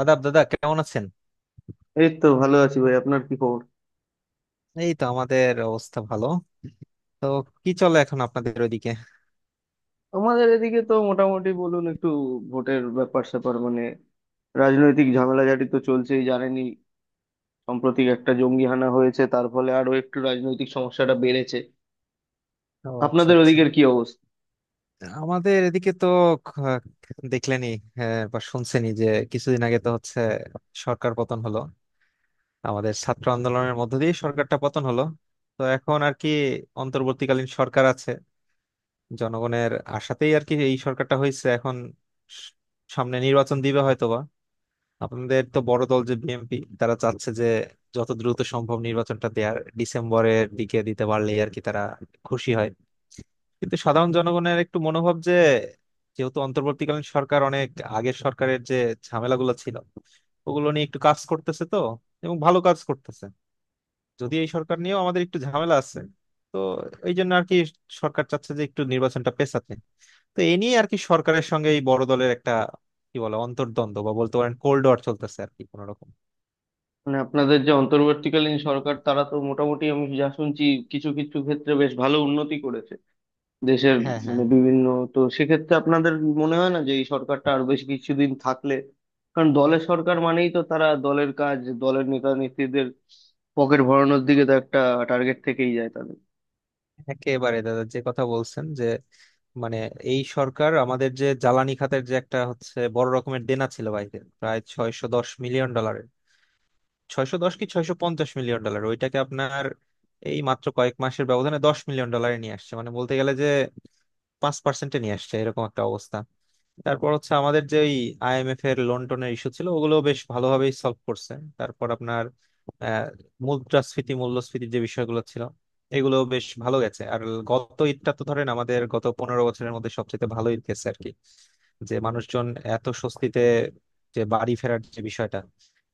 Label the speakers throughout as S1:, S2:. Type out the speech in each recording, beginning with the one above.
S1: আদাব দাদা, কেমন আছেন?
S2: এই তো ভালো আছি ভাই, আপনার কি খবর?
S1: এই তো আমাদের অবস্থা ভালো। তো কি চলে এখন আপনাদের ওইদিকে?
S2: আমাদের এদিকে তো মোটামুটি বলুন একটু, ভোটের ব্যাপার স্যাপার মানে রাজনৈতিক ঝামেলাঝাটি তো চলছেই, জানেনই। সাম্প্রতিক একটা জঙ্গি হানা হয়েছে, তার ফলে আরো একটু রাজনৈতিক সমস্যাটা বেড়েছে।
S1: ও আচ্ছা
S2: আপনাদের
S1: আচ্ছা।
S2: ওদিকের কি অবস্থা?
S1: আমাদের এদিকে তো খ- দেখলেনই হ্যাঁ, বা শুনছেনই যে কিছুদিন আগে তো হচ্ছে সরকার পতন হলো, আমাদের ছাত্র আন্দোলনের মধ্য দিয়ে সরকারটা পতন হলো। তো এখন আর কি অন্তর্বর্তীকালীন সরকার আছে, জনগণের আশাতেই আর কি এই সরকারটা হয়েছে এখন। স- সামনে নির্বাচন দিবে হয়তো। আপনাদের তো বড় দল যে বিএনপি, তারা চাচ্ছে যে যত দ্রুত সম্ভব নির্বাচনটা দেয়ার, ডিসেম্বরের দিকে দিতে পারলে আর কি তারা খুশি হয়। কিন্তু সাধারণ জনগণের একটু মনোভাব যে, যেহেতু অন্তর্বর্তীকালীন সরকার অনেক আগের সরকারের যে ঝামেলাগুলো ছিল ওগুলো নিয়ে একটু কাজ করতেছে, তো এবং ভালো কাজ করতেছে, যদি এই সরকার নিয়েও আমাদের একটু ঝামেলা আছে, তো এই জন্য আর কি সরকার চাচ্ছে যে একটু নির্বাচনটা পেছাতে। তো এ নিয়ে আর কি সরকারের সঙ্গে এই বড় দলের একটা কি বলে অন্তর্দ্বন্দ্ব বা বলতে পারেন কোল্ড ওয়ার চলতেছে আর কি কোনোরকম।
S2: মানে আপনাদের যে অন্তর্বর্তীকালীন সরকার, তারা তো মোটামুটি আমি যা শুনছি কিছু কিছু ক্ষেত্রে বেশ ভালো উন্নতি করেছে দেশের,
S1: হ্যাঁ হ্যাঁ,
S2: মানে বিভিন্ন। তো সেক্ষেত্রে আপনাদের মনে হয় না যে এই সরকারটা আর বেশ কিছুদিন থাকলে? কারণ দলের সরকার মানেই তো তারা দলের কাজ, দলের নেতা নেত্রীদের পকেট ভরানোর দিকে তো একটা টার্গেট থেকেই যায় তাদের।
S1: একেবারে দাদা, যে কথা বলছেন যে মানে এই সরকার আমাদের যে জ্বালানি খাতের যে একটা হচ্ছে বড় রকমের দেনা ছিল বাইরে প্রায় 610 মিলিয়ন ডলারের, 610 কি 650 মিলিয়ন ডলার, ওইটাকে আপনার এই মাত্র কয়েক মাসের ব্যবধানে 10 মিলিয়ন ডলারে নিয়ে আসছে, মানে বলতে গেলে যে 5%-এ নিয়ে আসছে, এরকম একটা অবস্থা। তারপর হচ্ছে আমাদের যে ওই আইএমএফ এর লোন টোনের ইস্যু ছিল, ওগুলো বেশ ভালোভাবেই সলভ করছে। তারপর আপনার আহ, মুদ্রাস্ফীতি মূল্যস্ফীতির যে বিষয়গুলো ছিল এগুলো বেশ ভালো গেছে। আর গত ঈদটা তো ধরেন আমাদের গত 15 বছরের মধ্যে সবচেয়ে ভালো ঈদ গেছে আর কি, যে মানুষজন এত স্বস্তিতে যে বাড়ি ফেরার যে বিষয়টা,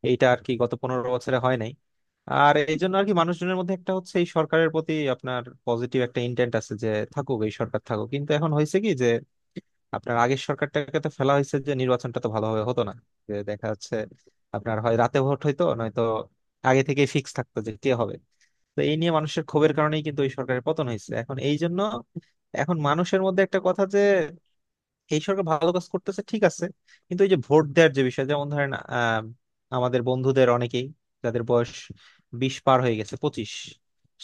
S1: এইটা আর কি গত 15 বছরে হয় নাই। আর এই জন্য আর কি মানুষজনের মধ্যে একটা হচ্ছে এই সরকারের প্রতি আপনার পজিটিভ একটা ইন্টেন্ট আছে যে থাকুক, এই সরকার থাকুক। কিন্তু এখন হয়েছে কি যে আপনার আগের সরকারটাকে তো ফেলা হয়েছে যে নির্বাচনটা তো ভালোভাবে হতো না, যে দেখা যাচ্ছে আপনার হয় রাতে ভোট হইতো নয়তো আগে থেকে ফিক্স থাকতো যে কে হবে। তো এই নিয়ে মানুষের ক্ষোভের কারণেই কিন্তু ওই সরকারের পতন হয়েছে। এখন এই জন্য এখন মানুষের মধ্যে একটা কথা যে এই সরকার ভালো কাজ করতেছে ঠিক আছে, কিন্তু এই যে ভোট দেওয়ার যে বিষয়, যেমন ধরেন আমাদের বন্ধুদের অনেকেই যাদের বয়স 20 পার হয়ে গেছে, 25,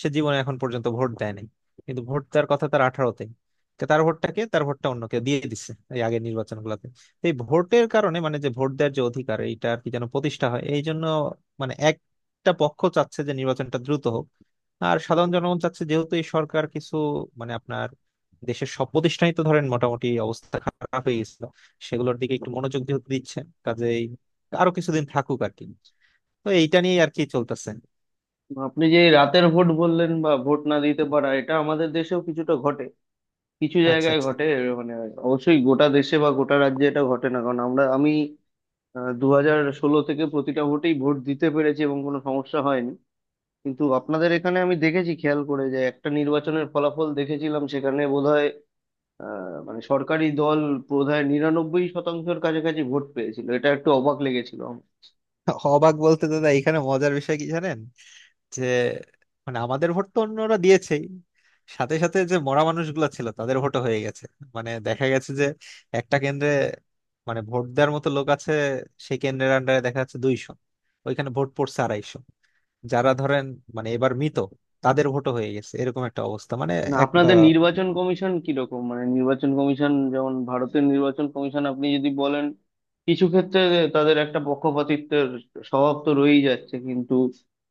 S1: সে জীবনে এখন পর্যন্ত ভোট দেয় নাই। কিন্তু ভোট দেওয়ার কথা তার 18-তে। তার ভোটটাকে, তার ভোটটা অন্য কেউ দিয়ে দিচ্ছে এই আগের নির্বাচন গুলাতে। তো এই ভোটের কারণে মানে যে ভোট দেওয়ার যে অধিকার, এইটা আর কি যেন প্রতিষ্ঠা হয়, এই জন্য মানে একটা পক্ষ চাচ্ছে যে নির্বাচনটা দ্রুত হোক। আর সাধারণ জনগণ চাচ্ছে যেহেতু এই সরকার কিছু মানে দেশের সব প্রতিষ্ঠানই তো ধরেন মোটামুটি অবস্থা খারাপ হয়ে গেছিল, সেগুলোর দিকে একটু মনোযোগ যেহেতু দিচ্ছেন, কাজেই আরো কিছুদিন থাকুক আর কি। তো এইটা নিয়ে আর কি চলতেছে।
S2: আপনি যে এই রাতের ভোট বললেন বা ভোট না দিতে পারা, এটা আমাদের দেশেও কিছুটা ঘটে, কিছু
S1: আচ্ছা
S2: জায়গায়
S1: আচ্ছা।
S2: ঘটে। এর মানে অবশ্যই গোটা দেশে বা গোটা রাজ্যে এটা ঘটে না, কারণ আমি 2016 থেকে প্রতিটা ভোটেই ভোট দিতে পেরেছি এবং কোনো সমস্যা হয়নি। কিন্তু আপনাদের এখানে আমি দেখেছি, খেয়াল করে যে একটা নির্বাচনের ফলাফল দেখেছিলাম, সেখানে বোধহয় মানে সরকারি দল বোধহয় 99%-এর কাছাকাছি ভোট পেয়েছিল, এটা একটু অবাক লেগেছিল আমার।
S1: অবাক বলতে দাদা, এখানে মজার বিষয় কি জানেন যে মানে আমাদের ভোট তো অন্যরা দিয়েছেই, সাথে সাথে যে মরা মানুষগুলো ছিল তাদের ভোটও হয়ে গেছে। মানে দেখা গেছে যে একটা কেন্দ্রে, মানে ভোট দেওয়ার মতো লোক আছে সেই কেন্দ্রের আন্ডারে দেখা যাচ্ছে 200, ওইখানে ভোট পড়ছে 250। যারা ধরেন মানে এবার মৃত, তাদের ভোটও হয়ে গেছে, এরকম একটা অবস্থা মানে।
S2: না,
S1: এক
S2: আপনাদের নির্বাচন কমিশন কিরকম? মানে নির্বাচন কমিশন যেমন ভারতের নির্বাচন কমিশন, আপনি যদি বলেন কিছু ক্ষেত্রে তাদের একটা পক্ষপাতিত্বের স্বভাব তো রয়েই যাচ্ছে, কিন্তু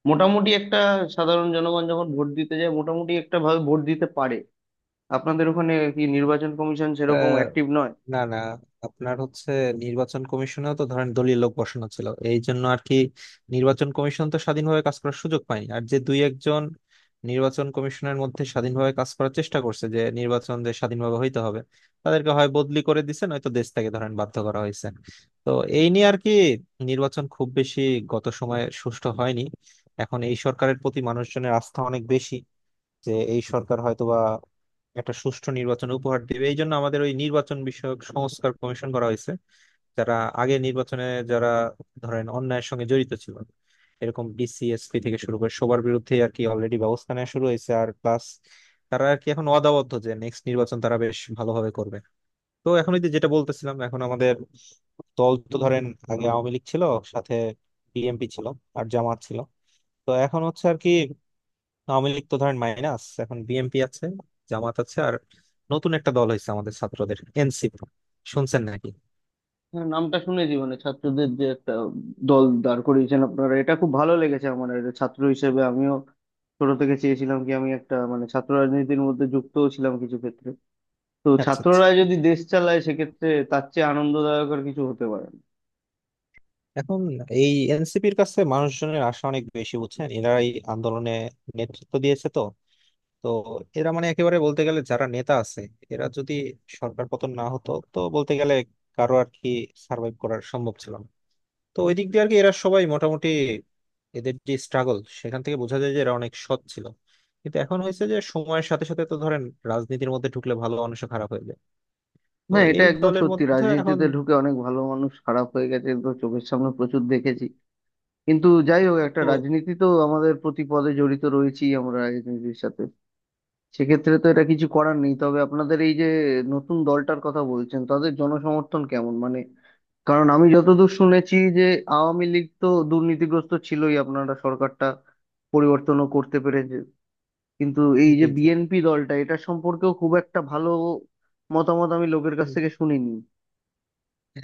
S2: মোটামুটি একটা, সাধারণ জনগণ যখন ভোট দিতে যায় মোটামুটি একটা ভাবে ভোট দিতে পারে। আপনাদের ওখানে কি নির্বাচন কমিশন সেরকম
S1: আহ,
S2: অ্যাক্টিভ?
S1: না না, আপনার হচ্ছে নির্বাচন কমিশনেও তো ধরেন দলীয় লোক বসানো ছিল, এই জন্য আর কি নির্বাচন কমিশন তো স্বাধীনভাবে কাজ করার সুযোগ পায়নি। আর যে দুই একজন নির্বাচন কমিশনের মধ্যে স্বাধীনভাবে কাজ করার চেষ্টা করছে যে নির্বাচন যে স্বাধীনভাবে হইতে হবে, তাদেরকে হয় বদলি করে দিছে নয়তো দেশ থেকে ধরেন বাধ্য করা হয়েছে। তো এই নিয়ে আর কি নির্বাচন খুব বেশি গত সময়ে সুষ্ঠু হয়নি। এখন এই সরকারের প্রতি মানুষজনের আস্থা অনেক বেশি যে এই সরকার হয়তোবা একটা সুষ্ঠু নির্বাচন উপহার দিবে, এই জন্য আমাদের ওই নির্বাচন বিষয়ক সংস্কার কমিশন করা হয়েছে। যারা আগে নির্বাচনে, যারা ধরেন অন্যায়ের সঙ্গে জড়িত ছিল এরকম ডিসিএসপি থেকে শুরু করে সবার বিরুদ্ধে আর কি অলরেডি ব্যবস্থা নেওয়া শুরু হয়েছে। আর প্লাস তারা আর কি এখন অদাবদ্ধ যে নেক্সট নির্বাচন তারা বেশ ভালোভাবে করবে। তো এখন ওই যে যেটা বলতেছিলাম, এখন আমাদের দল তো ধরেন আগে আওয়ামী লীগ ছিল, সাথে বিএনপি ছিল, আর জামাত ছিল। তো এখন হচ্ছে আর কি আওয়ামী লীগ তো ধরেন মাইনাস, এখন বিএনপি আছে, জামাত আছে, আর নতুন একটা দল হয়েছে আমাদের ছাত্রদের এনসিপি, শুনছেন নাকি?
S2: হ্যাঁ, নামটা শুনেছি। মানে ছাত্রদের যে একটা দল দাঁড় করিয়েছেন আপনারা, এটা খুব ভালো লেগেছে আমার, আর ছাত্র হিসেবে আমিও ছোট থেকে চেয়েছিলাম কি, আমি একটা মানে ছাত্র রাজনীতির মধ্যে যুক্তও ছিলাম কিছু ক্ষেত্রে। তো
S1: আচ্ছা আচ্ছা।
S2: ছাত্ররা যদি দেশ চালায়, সেক্ষেত্রে তার চেয়ে আনন্দদায়ক আর কিছু হতে পারে না।
S1: এখন এই এনসিপির কাছে মানুষজনের আশা অনেক বেশি, বুঝছেন, এরা এই আন্দোলনে নেতৃত্ব দিয়েছে তো। তো এরা মানে একেবারে বলতে গেলে যারা নেতা আছে, এরা যদি সরকার পতন না হতো তো বলতে গেলে কারো আর কি সার্ভাইভ করার সম্ভব ছিল না। তো ওই দিক দিয়ে আর কি এরা সবাই মোটামুটি, এদের যে স্ট্রাগল সেখান থেকে বোঝা যায় যে এরা অনেক সৎ ছিল। কিন্তু এখন হয়েছে যে সময়ের সাথে সাথে তো ধরেন রাজনীতির মধ্যে ঢুকলে ভালো মানুষও খারাপ হয়ে যায়, তো
S2: না, এটা
S1: এই
S2: একদম
S1: দলের
S2: সত্যি,
S1: মধ্যে এখন
S2: রাজনীতিতে ঢুকে অনেক ভালো মানুষ খারাপ হয়ে গেছে, তো চোখের সামনে প্রচুর দেখেছি। কিন্তু যাই হোক, একটা
S1: তো।
S2: রাজনীতি তো আমাদের প্রতি পদে জড়িত রয়েছি আমরা রাজনীতির সাথে। সেক্ষেত্রে তো এটা কিছু করার নেই। তবে আপনাদের এই যে নতুন দলটার কথা বলছেন, তাদের জনসমর্থন কেমন মানে? কারণ আমি যতদূর শুনেছি যে আওয়ামী লীগ তো দুর্নীতিগ্রস্ত ছিলই, আপনারা সরকারটা পরিবর্তনও করতে পেরেছে, কিন্তু এই যে
S1: জি জি।
S2: বিএনপি দলটা, এটা সম্পর্কেও খুব একটা ভালো মতামত আমি লোকের কাছ
S1: উম,
S2: থেকে শুনিনি।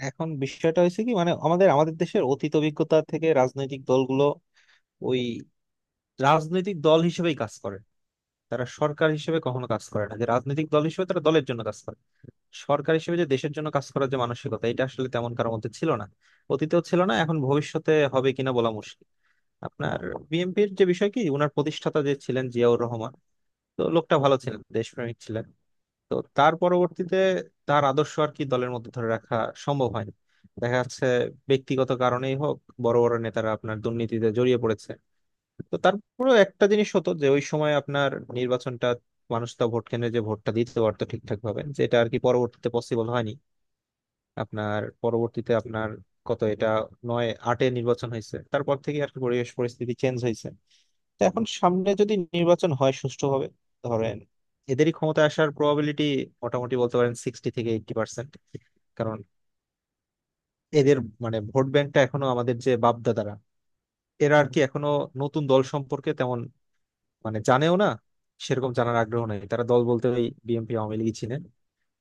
S1: এখন বিষয়টা হয়েছে কি মানে আমাদের আমাদের দেশের অতীত অভিজ্ঞতা থেকে রাজনৈতিক দলগুলো ওই রাজনৈতিক দল হিসেবেই কাজ করে, তারা সরকার হিসেবে কখনো কাজ করে না। যে রাজনৈতিক দল হিসেবে তারা দলের জন্য কাজ করে, সরকার হিসেবে যে দেশের জন্য কাজ করার যে মানসিকতা এটা আসলে তেমন কারোর মধ্যে ছিল না। অতীতেও ছিল না, এখন ভবিষ্যতে হবে কিনা বলা মুশকিল। আপনার বিএনপির যে বিষয় কি, উনার প্রতিষ্ঠাতা যে ছিলেন জিয়াউর রহমান, তো লোকটা ভালো ছিলেন, দেশপ্রেমিক ছিলেন। তো তার পরবর্তীতে তার আদর্শ আর কি দলের মধ্যে ধরে রাখা সম্ভব হয়নি। দেখা যাচ্ছে ব্যক্তিগত কারণেই হোক বড় বড় নেতারা আপনার দুর্নীতিতে জড়িয়ে পড়েছে। তো তারপরেও একটা জিনিস হতো যে ওই সময় আপনার নির্বাচনটা মানুষ তা ভোট কেন্দ্রে যে ভোটটা দিতে পারতো ঠিকঠাক ভাবে, যেটা আর কি পরবর্তীতে পসিবল হয়নি। আপনার পরবর্তীতে আপনার কত এটা, 98-এ নির্বাচন হয়েছে, তারপর থেকে আর কি পরিবেশ পরিস্থিতি চেঞ্জ হয়েছে। তো এখন সামনে যদি নির্বাচন হয় সুষ্ঠুভাবে, ধরেন, এদেরই ক্ষমতা আসার প্রবাবিলিটি মোটামুটি বলতে পারেন 60 থেকে 80%। কারণ এদের মানে ভোট ব্যাংকটা এখনো আমাদের যে বাপদাদারা, এরা আর কি এখনো নতুন দল সম্পর্কে তেমন মানে জানেও না, সেরকম জানার আগ্রহ নেই। তারা দল বলতে ওই বিএনপি আওয়ামী লীগই চিনে।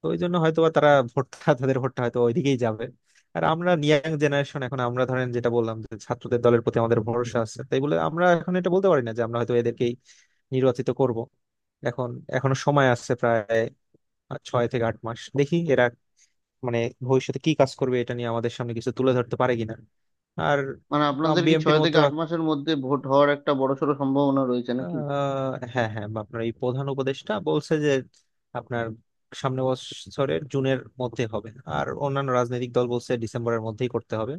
S1: তো ওই জন্য হয়তো বা তারা ভোটটা, তাদের ভোটটা হয়তো ওইদিকেই যাবে। আর আমরা ইয়াং জেনারেশন, এখন আমরা ধরেন যেটা বললাম যে ছাত্রদের দলের প্রতি আমাদের ভরসা আছে, তাই বলে আমরা এখন এটা বলতে পারি না যে আমরা হয়তো এদেরকেই নির্বাচিত করব। এখন এখনো সময় আছে প্রায় 6 থেকে 8 মাস, দেখি এরা মানে ভবিষ্যতে কি কাজ করবে এটা নিয়ে আমাদের সামনে কিছু তুলে ধরতে পারে কিনা। আর
S2: মানে আপনাদের কি
S1: বিএনপির
S2: ছয় থেকে
S1: মধ্যে
S2: আট মাসের মধ্যে ভোট হওয়ার একটা বড়সড় সম্ভাবনা রয়েছে নাকি?
S1: আহ, হ্যাঁ হ্যাঁ, বা আপনার এই প্রধান উপদেষ্টা বলছে যে আপনার সামনে বছরের জুনের মধ্যে হবে, আর অন্যান্য রাজনৈতিক দল বলছে ডিসেম্বরের মধ্যেই করতে হবে।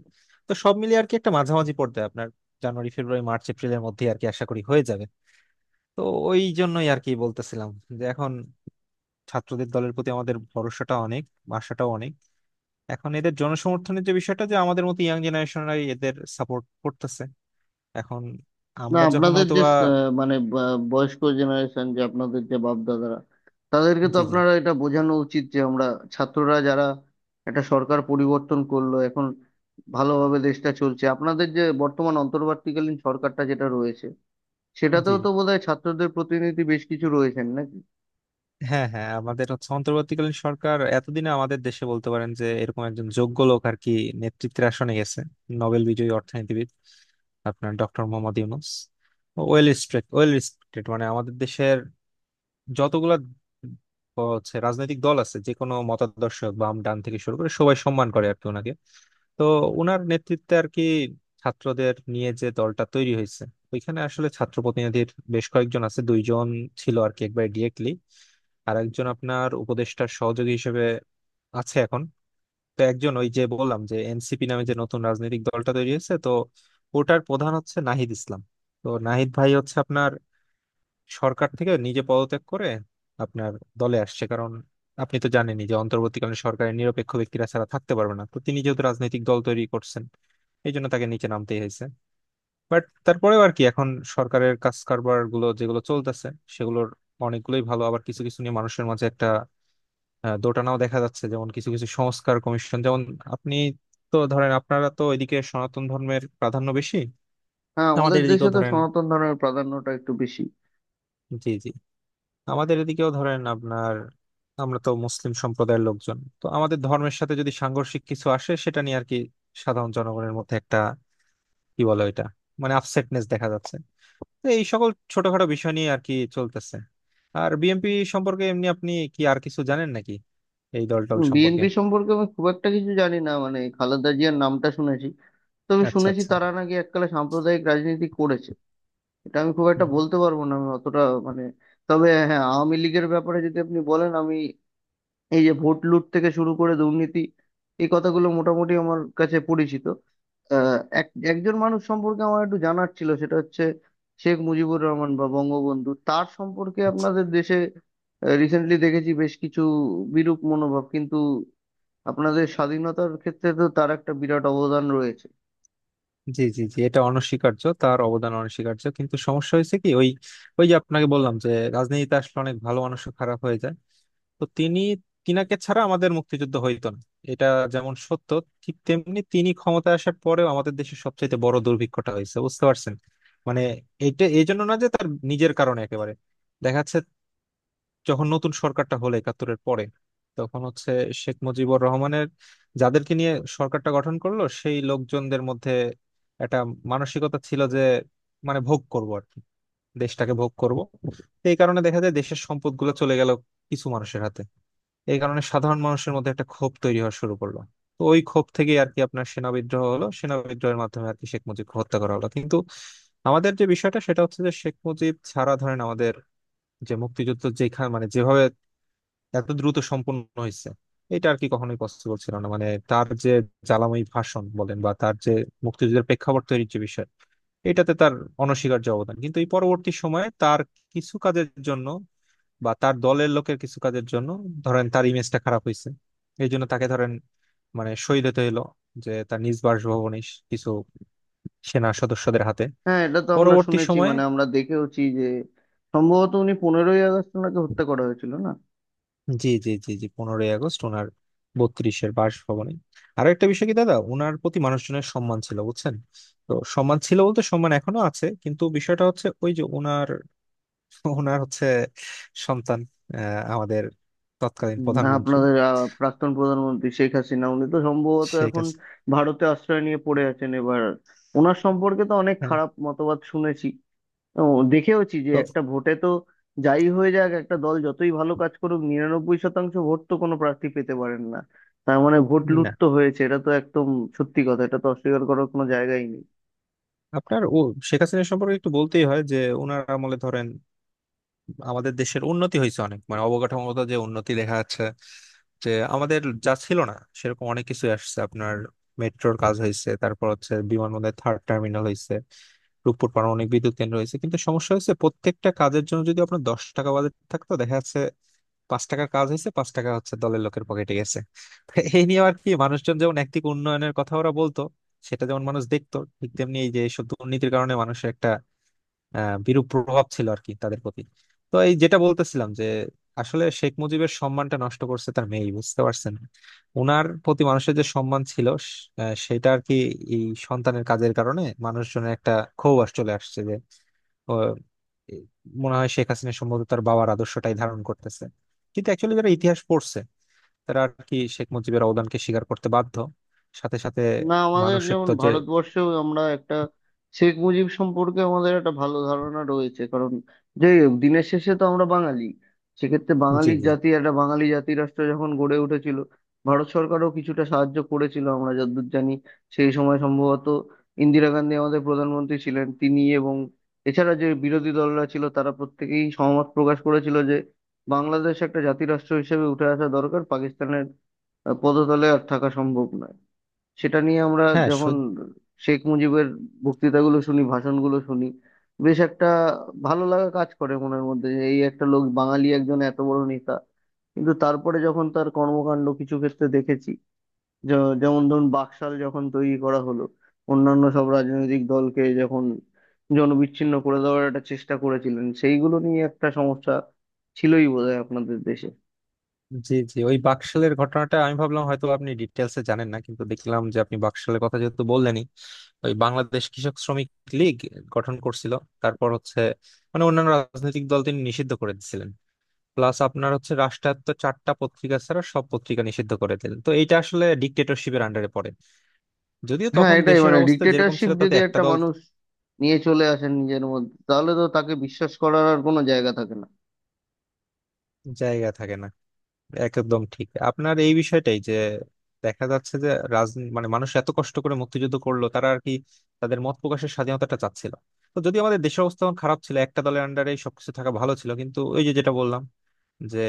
S1: তো সব মিলিয়ে আর কি একটা মাঝামাঝি পড়তে আপনার জানুয়ারি ফেব্রুয়ারি মার্চ এপ্রিলের মধ্যে আর কি আশা করি হয়ে যাবে। তো ওই জন্যই আর কি বলতেছিলাম যে এখন ছাত্রদের দলের প্রতি আমাদের ভরসাটা অনেক, আশাটাও অনেক। এখন এদের জনসমর্থনের যে বিষয়টা, যে আমাদের মতো ইয়াং জেনারেশনরাই এদের সাপোর্ট করতেছে এখন,
S2: না,
S1: আমরা যখন
S2: আপনাদের যে
S1: হয়তোবা।
S2: আহ, মানে বয়স্ক জেনারেশন, যে আপনাদের যে বাপ দাদারা, তাদেরকে তো
S1: জি জি।
S2: আপনারা এটা বোঝানো উচিত যে আমরা ছাত্ররা, যারা একটা সরকার পরিবর্তন করলো, এখন ভালোভাবে দেশটা চলছে। আপনাদের যে বর্তমান অন্তর্বর্তীকালীন সরকারটা যেটা রয়েছে,
S1: জি
S2: সেটাতেও
S1: জি।
S2: তো বোধহয় ছাত্রদের প্রতিনিধি বেশ কিছু রয়েছেন নাকি?
S1: হ্যাঁ হ্যাঁ, আমাদের হচ্ছে অন্তর্বর্তীকালীন সরকার, এতদিনে আমাদের দেশে বলতে পারেন যে এরকম একজন যোগ্য লোক আর কি নেতৃত্বের আসনে গেছে, নোবেল বিজয়ী অর্থনীতিবিদ আপনার doctor Muhammad Yunus. Well respected, মানে আমাদের দেশের যতগুলা হচ্ছে রাজনৈতিক দল আছে যে কোনো মতাদর্শ বাম ডান থেকে শুরু করে সবাই সম্মান করে আর কি ওনাকে। তো ওনার নেতৃত্বে আর কি ছাত্রদের নিয়ে যে দলটা তৈরি হয়েছে, ওইখানে আসলে ছাত্র প্রতিনিধির বেশ কয়েকজন আছে। দুইজন ছিল আর কি একবার ডিরেক্টলি, আর একজন আপনার উপদেষ্টার সহযোগী হিসেবে আছে এখন। তো একজন, ওই যে বললাম যে এনসিপি নামে যে নতুন রাজনৈতিক দলটা তৈরি হয়েছে, তো ওটার প্রধান হচ্ছে নাহিদ ইসলাম। তো নাহিদ ভাই হচ্ছে আপনার সরকার থেকে নিজে পদত্যাগ করে আপনার দলে আসছে, কারণ আপনি তো জানেনই যে অন্তর্বর্তীকালীন সরকারের নিরপেক্ষ ব্যক্তিরা ছাড়া থাকতে পারবে না। তো তিনি যেহেতু রাজনৈতিক দল তৈরি করছেন, এই জন্য তাকে নিচে নামতেই হয়েছে। বাট তারপরেও আর কি এখন সরকারের কাজ কারবার গুলো যেগুলো চলতেছে, সেগুলোর অনেকগুলোই ভালো। আবার কিছু কিছু নিয়ে মানুষের মাঝে একটা দোটানাও দেখা যাচ্ছে, যেমন কিছু কিছু সংস্কার কমিশন। যেমন আপনি, তো ধরেন আপনারা তো এদিকে সনাতন ধর্মের প্রাধান্য বেশি,
S2: হ্যাঁ, আমাদের
S1: আমাদের
S2: দেশে
S1: এদিকেও
S2: তো
S1: ধরেন,
S2: সনাতন ধর্মের প্রাধান্যটা একটু বেশি।
S1: জি জি, আমাদের এদিকেও ধরেন আপনার আমরা তো মুসলিম সম্প্রদায়ের লোকজন, তো আমাদের ধর্মের সাথে যদি সাংঘর্ষিক কিছু আসে সেটা নিয়ে আর কি সাধারণ জনগণের মধ্যে একটা কি বলে এটা মানে আপসেটনেস দেখা যাচ্ছে। তো এই সকল ছোটখাটো বিষয় নিয়ে আর কি চলতেছে। আর বিএনপি সম্পর্কে এমনি আপনি কি আর কিছু জানেন নাকি এই দল টল সম্পর্কে?
S2: বিএনপি সম্পর্কে আমি খুব একটা কিছু জানি না, মানে খালেদা জিয়ার নামটা শুনেছি। তবে
S1: আচ্ছা
S2: শুনেছি
S1: আচ্ছা।
S2: তারা নাকি এককালে সাম্প্রদায়িক রাজনীতি করেছে, এটা আমি খুব একটা
S1: হুম,
S2: বলতে পারবো না, আমি অতটা মানে। তবে হ্যাঁ, আওয়ামী লীগের ব্যাপারে যদি আপনি বলেন, আমি এই যে ভোট লুট থেকে শুরু করে দুর্নীতি, এই কথাগুলো মোটামুটি আমার কাছে পরিচিত। এক একজন মানুষ সম্পর্কে আমার একটু জানার ছিল, সেটা হচ্ছে শেখ মুজিবুর রহমান বা বঙ্গবন্ধু, তার সম্পর্কে
S1: আচ্ছা।
S2: আপনাদের দেশে রিসেন্টলি দেখেছি বেশ কিছু বিরূপ মনোভাব, কিন্তু আপনাদের স্বাধীনতার ক্ষেত্রে তো তার একটা বিরাট অবদান রয়েছে।
S1: জি জি জি, এটা অনস্বীকার্য, তার অবদান অনস্বীকার্য, কিন্তু সমস্যা হয়েছে কি ওই, ওই যে আপনাকে বললাম যে রাজনীতিতে আসলে অনেক ভালো মানুষও খারাপ হয়ে যায়। তো তিনি, তিনাকে ছাড়া আমাদের মুক্তিযুদ্ধ হইতো না, এটা যেমন সত্য, ঠিক তেমনি তিনি ক্ষমতায় আসার পরেও আমাদের দেশে সবচেয়ে বড় দুর্ভিক্ষটা হয়েছে, বুঝতে পারছেন। মানে এটা এই জন্য না যে তার নিজের কারণে একেবারে, দেখা যাচ্ছে যখন নতুন সরকারটা হলো একাত্তরের পরে, তখন হচ্ছে শেখ মুজিবুর রহমানের যাদেরকে নিয়ে সরকারটা গঠন করলো সেই লোকজনদের মধ্যে একটা মানসিকতা ছিল যে মানে ভোগ করব আর কি, দেশটাকে ভোগ করব। তো এই কারণে দেখা যায় দেশের সম্পদগুলো চলে গেল কিছু মানুষের হাতে। এই কারণে সাধারণ মানুষের মধ্যে একটা ক্ষোভ তৈরি হওয়া শুরু করলো। তো ওই ক্ষোভ থেকেই আর কি আপনার সেনা বিদ্রোহ হলো, সেনা বিদ্রোহের মাধ্যমে আর কি শেখ মুজিবকে হত্যা করা হলো। কিন্তু আমাদের যে বিষয়টা সেটা হচ্ছে যে শেখ মুজিব ছাড়া ধরেন আমাদের যে মুক্তিযুদ্ধ, যেখানে মানে যেভাবে এত দ্রুত সম্পন্ন হয়েছে, এটা আর কি কখনোই পসিবল ছিল না। মানে তার যে জ্বালাময়ী ভাষণ বলেন বা তার যে মুক্তিযুদ্ধের প্রেক্ষাপট তৈরির যে বিষয়, এটাতে তার অনস্বীকার্য অবদান। কিন্তু এই পরবর্তী সময়ে তার কিছু কাজের জন্য বা তার দলের লোকের কিছু কাজের জন্য ধরেন তার ইমেজটা খারাপ হয়েছে। এই জন্য তাকে ধরেন মানে শহীদ হতে হলো, যে তার নিজ বাসভবনে কিছু সেনা সদস্যদের হাতে
S2: হ্যাঁ, এটা তো আমরা
S1: পরবর্তী
S2: শুনেছি,
S1: সময়ে।
S2: মানে আমরা দেখেওছি যে সম্ভবত উনি, 15ই আগস্ট ওনাকে হত্যা করা হয়েছিল না?
S1: জি জি জি জি, 15ই আগস্ট ওনার 32-এর বাসভবনে। আরো একটা বিষয় কি দাদা, ওনার প্রতি মানুষজনের সম্মান ছিল, বুঝছেন। তো সম্মান ছিল বলতে সম্মান এখনো আছে, কিন্তু বিষয়টা হচ্ছে ওই যে ওনার ওনার হচ্ছে সন্তান, আহ, আমাদের তৎকালীন প্রধানমন্ত্রী
S2: আপনাদের প্রাক্তন প্রধানমন্ত্রী শেখ হাসিনা উনি তো সম্ভবত
S1: শেখ
S2: এখন
S1: হাসিনা।
S2: ভারতে আশ্রয় নিয়ে পড়ে আছেন এবার। ওনার সম্পর্কে তো অনেক
S1: হ্যাঁ।
S2: খারাপ মতবাদ শুনেছি, ও, দেখেওছি যে
S1: তো
S2: একটা ভোটে তো যাই হয়ে যাক, একটা দল যতই ভালো কাজ করুক, 99% ভোট তো কোনো প্রার্থী পেতে পারেন না। তার মানে ভোট লুট
S1: না,
S2: তো হয়েছে, এটা তো একদম সত্যি কথা, এটা তো অস্বীকার করার কোনো জায়গাই নেই।
S1: আপনার ও শেখ হাসিনা সম্পর্কে একটু বলতেই হয় যে ওনার আমলে ধরেন আমাদের দেশের উন্নতি হয়েছে অনেক। মানে অবকাঠামোগত যে উন্নতি দেখা যাচ্ছে, যে আমাদের যা ছিল না সেরকম অনেক কিছু আসছে আপনার। মেট্রোর কাজ হয়েছে, তারপর হচ্ছে বিমানবন্দরের থার্ড টার্মিনাল হয়েছে, রূপপুর পারমাণবিক বিদ্যুৎ কেন্দ্র হয়েছে। কিন্তু সমস্যা হচ্ছে, প্রত্যেকটা কাজের জন্য যদি আপনার 10 টাকা বাজেট থাকতো, দেখা যাচ্ছে 5 টাকার কাজ হয়েছে, 5 টাকা হচ্ছে দলের লোকের পকেটে গেছে। তো এই নিয়ে আর কি মানুষজন, যেমন একদিকে উন্নয়নের কথা ওরা বলতো সেটা যেমন মানুষ দেখতো, ঠিক তেমনি এই যে এইসব দুর্নীতির কারণে মানুষের একটা বিরূপ প্রভাব ছিল আর কি তাদের প্রতি। তো এই যেটা বলতেছিলাম, যে আসলে শেখ মুজিবের সম্মানটা নষ্ট করছে তার মেয়ে, বুঝতে পারছেন। ওনার প্রতি মানুষের যে সম্মান ছিল সেটা আর কি এই সন্তানের কাজের কারণে মানুষজনের একটা ক্ষোভ চলে আসছে যে, ও, এ, মনে হয় শেখ হাসিনা সম্ভবত তার বাবার আদর্শটাই ধারণ করতেছে। কিন্তু অ্যাকচুয়ালি যারা ইতিহাস পড়ছে, তারা আর কি শেখ মুজিবের অবদানকে স্বীকার করতে বাধ্য। সাথে সাথে
S2: না, আমাদের
S1: মানুষের
S2: যেমন
S1: তো যে।
S2: ভারতবর্ষেও আমরা একটা, শেখ মুজিব সম্পর্কে আমাদের একটা ভালো ধারণা রয়েছে, কারণ যাই হোক দিনের শেষে তো আমরা বাঙালি। সেক্ষেত্রে
S1: জি
S2: বাঙালির
S1: জি।
S2: জাতি, একটা বাঙালি জাতি রাষ্ট্র যখন গড়ে উঠেছিল, ভারত সরকারও কিছুটা সাহায্য করেছিল আমরা যতদূর জানি। সেই সময় সম্ভবত ইন্দিরা গান্ধী আমাদের প্রধানমন্ত্রী ছিলেন, তিনি এবং এছাড়া যে বিরোধী দলরা ছিল তারা প্রত্যেকেই সহমত প্রকাশ করেছিল যে বাংলাদেশ একটা জাতি রাষ্ট্র হিসেবে উঠে আসা দরকার, পাকিস্তানের পদতলে আর থাকা সম্ভব নয়। সেটা নিয়ে আমরা
S1: হ্যাঁ।
S2: যখন শেখ মুজিবের বক্তৃতাগুলো শুনি, ভাষণগুলো শুনি, বেশ একটা ভালো লাগা কাজ করে মনের মধ্যে, যে এই একটা লোক বাঙালি একজন এত বড় নেতা। কিন্তু তারপরে যখন তার কর্মকাণ্ড কিছু ক্ষেত্রে দেখেছি, যেমন ধরুন বাকশাল যখন তৈরি করা হলো, অন্যান্য সব রাজনৈতিক দলকে যখন জনবিচ্ছিন্ন করে দেওয়ার একটা চেষ্টা করেছিলেন, সেইগুলো নিয়ে একটা সমস্যা ছিলই বোধহয় আপনাদের দেশে।
S1: জি জি, ওই বাকশালের ঘটনাটা আমি ভাবলাম হয়তো আপনি ডিটেলসে জানেন না, কিন্তু দেখলাম যে আপনি বাকশালের কথা যেহেতু বললেনই। ওই বাংলাদেশ কৃষক শ্রমিক লীগ গঠন করছিল, তারপর হচ্ছে মানে অন্যান্য রাজনৈতিক দল তিনি নিষিদ্ধ করে দিছিলেন। প্লাস আপনার হচ্ছে রাষ্ট্রায়ত্ত চারটা পত্রিকা ছাড়া সব পত্রিকা নিষিদ্ধ করে দিলেন, তো এটা আসলে ডিক্টেটরশিপের আন্ডারে পড়ে। যদিও
S2: হ্যাঁ,
S1: তখন
S2: এটাই,
S1: দেশের
S2: মানে
S1: অবস্থা যেরকম
S2: ডিক্টেটরশিপ
S1: ছিল তাতে
S2: যদি
S1: একটা
S2: একটা
S1: দল,
S2: মানুষ নিয়ে চলে আসেন নিজের মধ্যে, তাহলে তো তাকে বিশ্বাস করার আর কোনো জায়গা থাকে না।
S1: জায়গা থাকে না। একদম ঠিক আপনার, এই বিষয়টাই যে দেখা যাচ্ছে যে রাজনীতি মানে মানুষ এত কষ্ট করে মুক্তিযুদ্ধ করলো, তারা আর কি তাদের মত প্রকাশের স্বাধীনতাটা চাচ্ছিল। তো যদি আমাদের দেশের অবস্থা তখন খারাপ ছিল একটা দলের আন্ডারে সবকিছু থাকা ভালো ছিল, কিন্তু ওই যে যেটা বললাম যে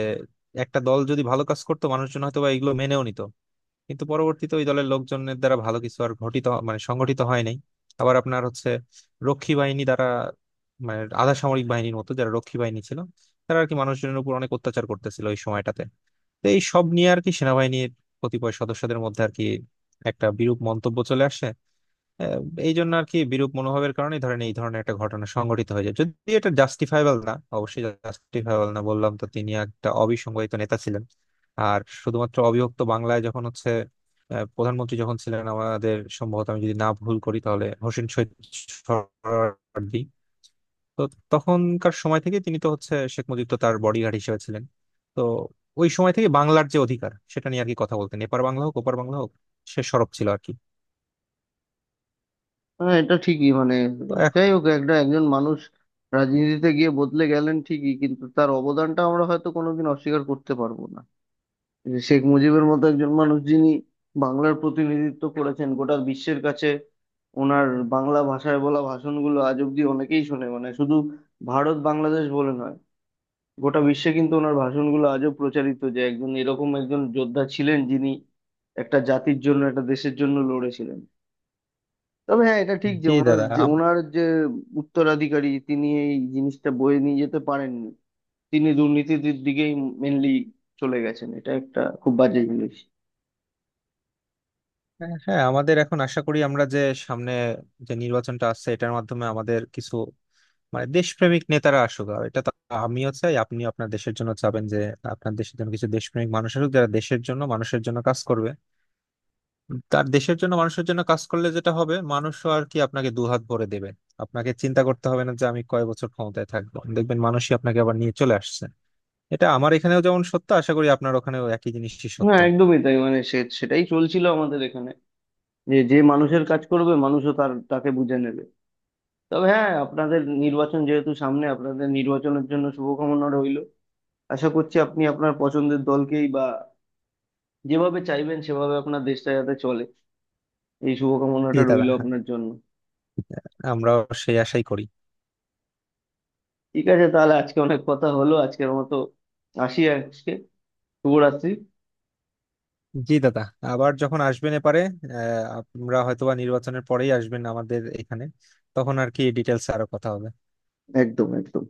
S1: একটা দল যদি ভালো কাজ করতো মানুষজন হয়তো বা এগুলো মেনেও নিত। কিন্তু পরবর্তীতে ওই দলের লোকজনের দ্বারা ভালো কিছু আর ঘটিত মানে সংগঠিত হয় নাই। আবার আপনার হচ্ছে রক্ষী বাহিনী দ্বারা, মানে আধা সামরিক বাহিনীর মতো যারা রক্ষী বাহিনী ছিল, তারা আর কি মানুষজনের উপর অনেক অত্যাচার করতেছিল ওই সময়টাতে। তো এই সব নিয়ে আর কি সেনাবাহিনীর কতিপয় সদস্যদের মধ্যে আর কি একটা বিরূপ মন্তব্য চলে আসে। আহ, এই জন্য আর কি বিরূপ মনোভাবের কারণে ধরেন এই ধরনের একটা ঘটনা সংঘটিত হয়ে যায়। যদি এটা জাস্টিফাইবল না, অবশ্যই জাস্টিফাইবল না, বললাম তো তিনি একটা অবিসংবাদিত নেতা ছিলেন। আর শুধুমাত্র অবিভক্ত বাংলায় যখন হচ্ছে প্রধানমন্ত্রী যখন ছিলেন আমাদের, সম্ভবত আমি যদি না ভুল করি, তাহলে হোসেন শহীদ সোহরাওয়ার্দী। তো তখনকার সময় থেকে তিনি তো হচ্ছে শেখ মুজিব তো তার বডিগার্ড হিসেবে ছিলেন। তো ওই সময় থেকে বাংলার যে অধিকার সেটা নিয়ে আর কি কথা বলতেন, এপার বাংলা হোক ওপার বাংলা হোক, সে সরব ছিল আর কি।
S2: হ্যাঁ, এটা ঠিকই মানে, যাই
S1: তো
S2: হোক একটা, একজন মানুষ রাজনীতিতে গিয়ে বদলে গেলেন ঠিকই, কিন্তু তার অবদানটা আমরা হয়তো কোনোদিন অস্বীকার করতে পারবো না। যে শেখ মুজিবের মতো একজন মানুষ, যিনি বাংলার প্রতিনিধিত্ব করেছেন গোটা বিশ্বের কাছে, ওনার বাংলা ভাষায় বলা ভাষণগুলো আজ অব্দি অনেকেই শোনে, মানে শুধু ভারত বাংলাদেশ বলে নয়, গোটা বিশ্বে কিন্তু ওনার ভাষণগুলো আজও প্রচারিত। যে একজন, এরকম একজন যোদ্ধা ছিলেন, যিনি একটা জাতির জন্য একটা দেশের জন্য লড়েছিলেন। তবে হ্যাঁ এটা ঠিক যে
S1: জি
S2: ওনার
S1: দাদা,
S2: যে ওনার যে উত্তরাধিকারী, তিনি এই জিনিসটা বয়ে নিয়ে যেতে পারেননি। তিনি দুর্নীতির দিকেই মেনলি চলে গেছেন, এটা একটা খুব বাজে জিনিস।
S1: হ্যাঁ, আমাদের এখন আশা করি আমরা যে সামনে যে নির্বাচনটা আসছে এটার মাধ্যমে আমাদের কিছু মানে দেশপ্রেমিক নেতারা আসুক। আর এটা তো আমিও চাই, আপনি আপনার দেশের জন্য চাবেন যে আপনার দেশের জন্য কিছু দেশপ্রেমিক মানুষ আসুক যারা দেশের জন্য মানুষের জন্য কাজ করবে। তার দেশের জন্য মানুষের জন্য কাজ করলে যেটা হবে, মানুষও আর কি আপনাকে দুহাত ভরে দেবে। আপনাকে চিন্তা করতে হবে না যে আমি কয় বছর ক্ষমতায় থাকবো, দেখবেন মানুষই আপনাকে আবার নিয়ে চলে আসছে। এটা আমার এখানেও যেমন সত্য, আশা করি আপনার ওখানেও একই জিনিসই সত্য।
S2: হ্যাঁ একদমই তাই, মানে সে সেটাই চলছিল আমাদের এখানে, যে যে মানুষের কাজ করবে মানুষও তাকে বুঝে নেবে। তবে হ্যাঁ, আপনাদের নির্বাচন যেহেতু সামনে, আপনাদের নির্বাচনের জন্য শুভকামনা রইল। আশা করছি আপনি আপনার পছন্দের দলকেই বা যেভাবে চাইবেন সেভাবে আপনার দেশটা যাতে চলে, এই
S1: জি
S2: শুভকামনাটা
S1: দাদা,
S2: রইল
S1: হ্যাঁ,
S2: আপনার জন্য।
S1: আমরাও সেই আশাই করি।
S2: ঠিক আছে, তাহলে আজকে অনেক কথা হলো। আজকের মতো আসি আজকে। শুভরাত্রি।
S1: জি দাদা, আবার যখন আসবেন এপারে, আহ, আমরা হয়তোবা নির্বাচনের পরেই আসবেন আমাদের এখানে, তখন আর কি ডিটেলস আরো কথা হবে।
S2: একদম একদম।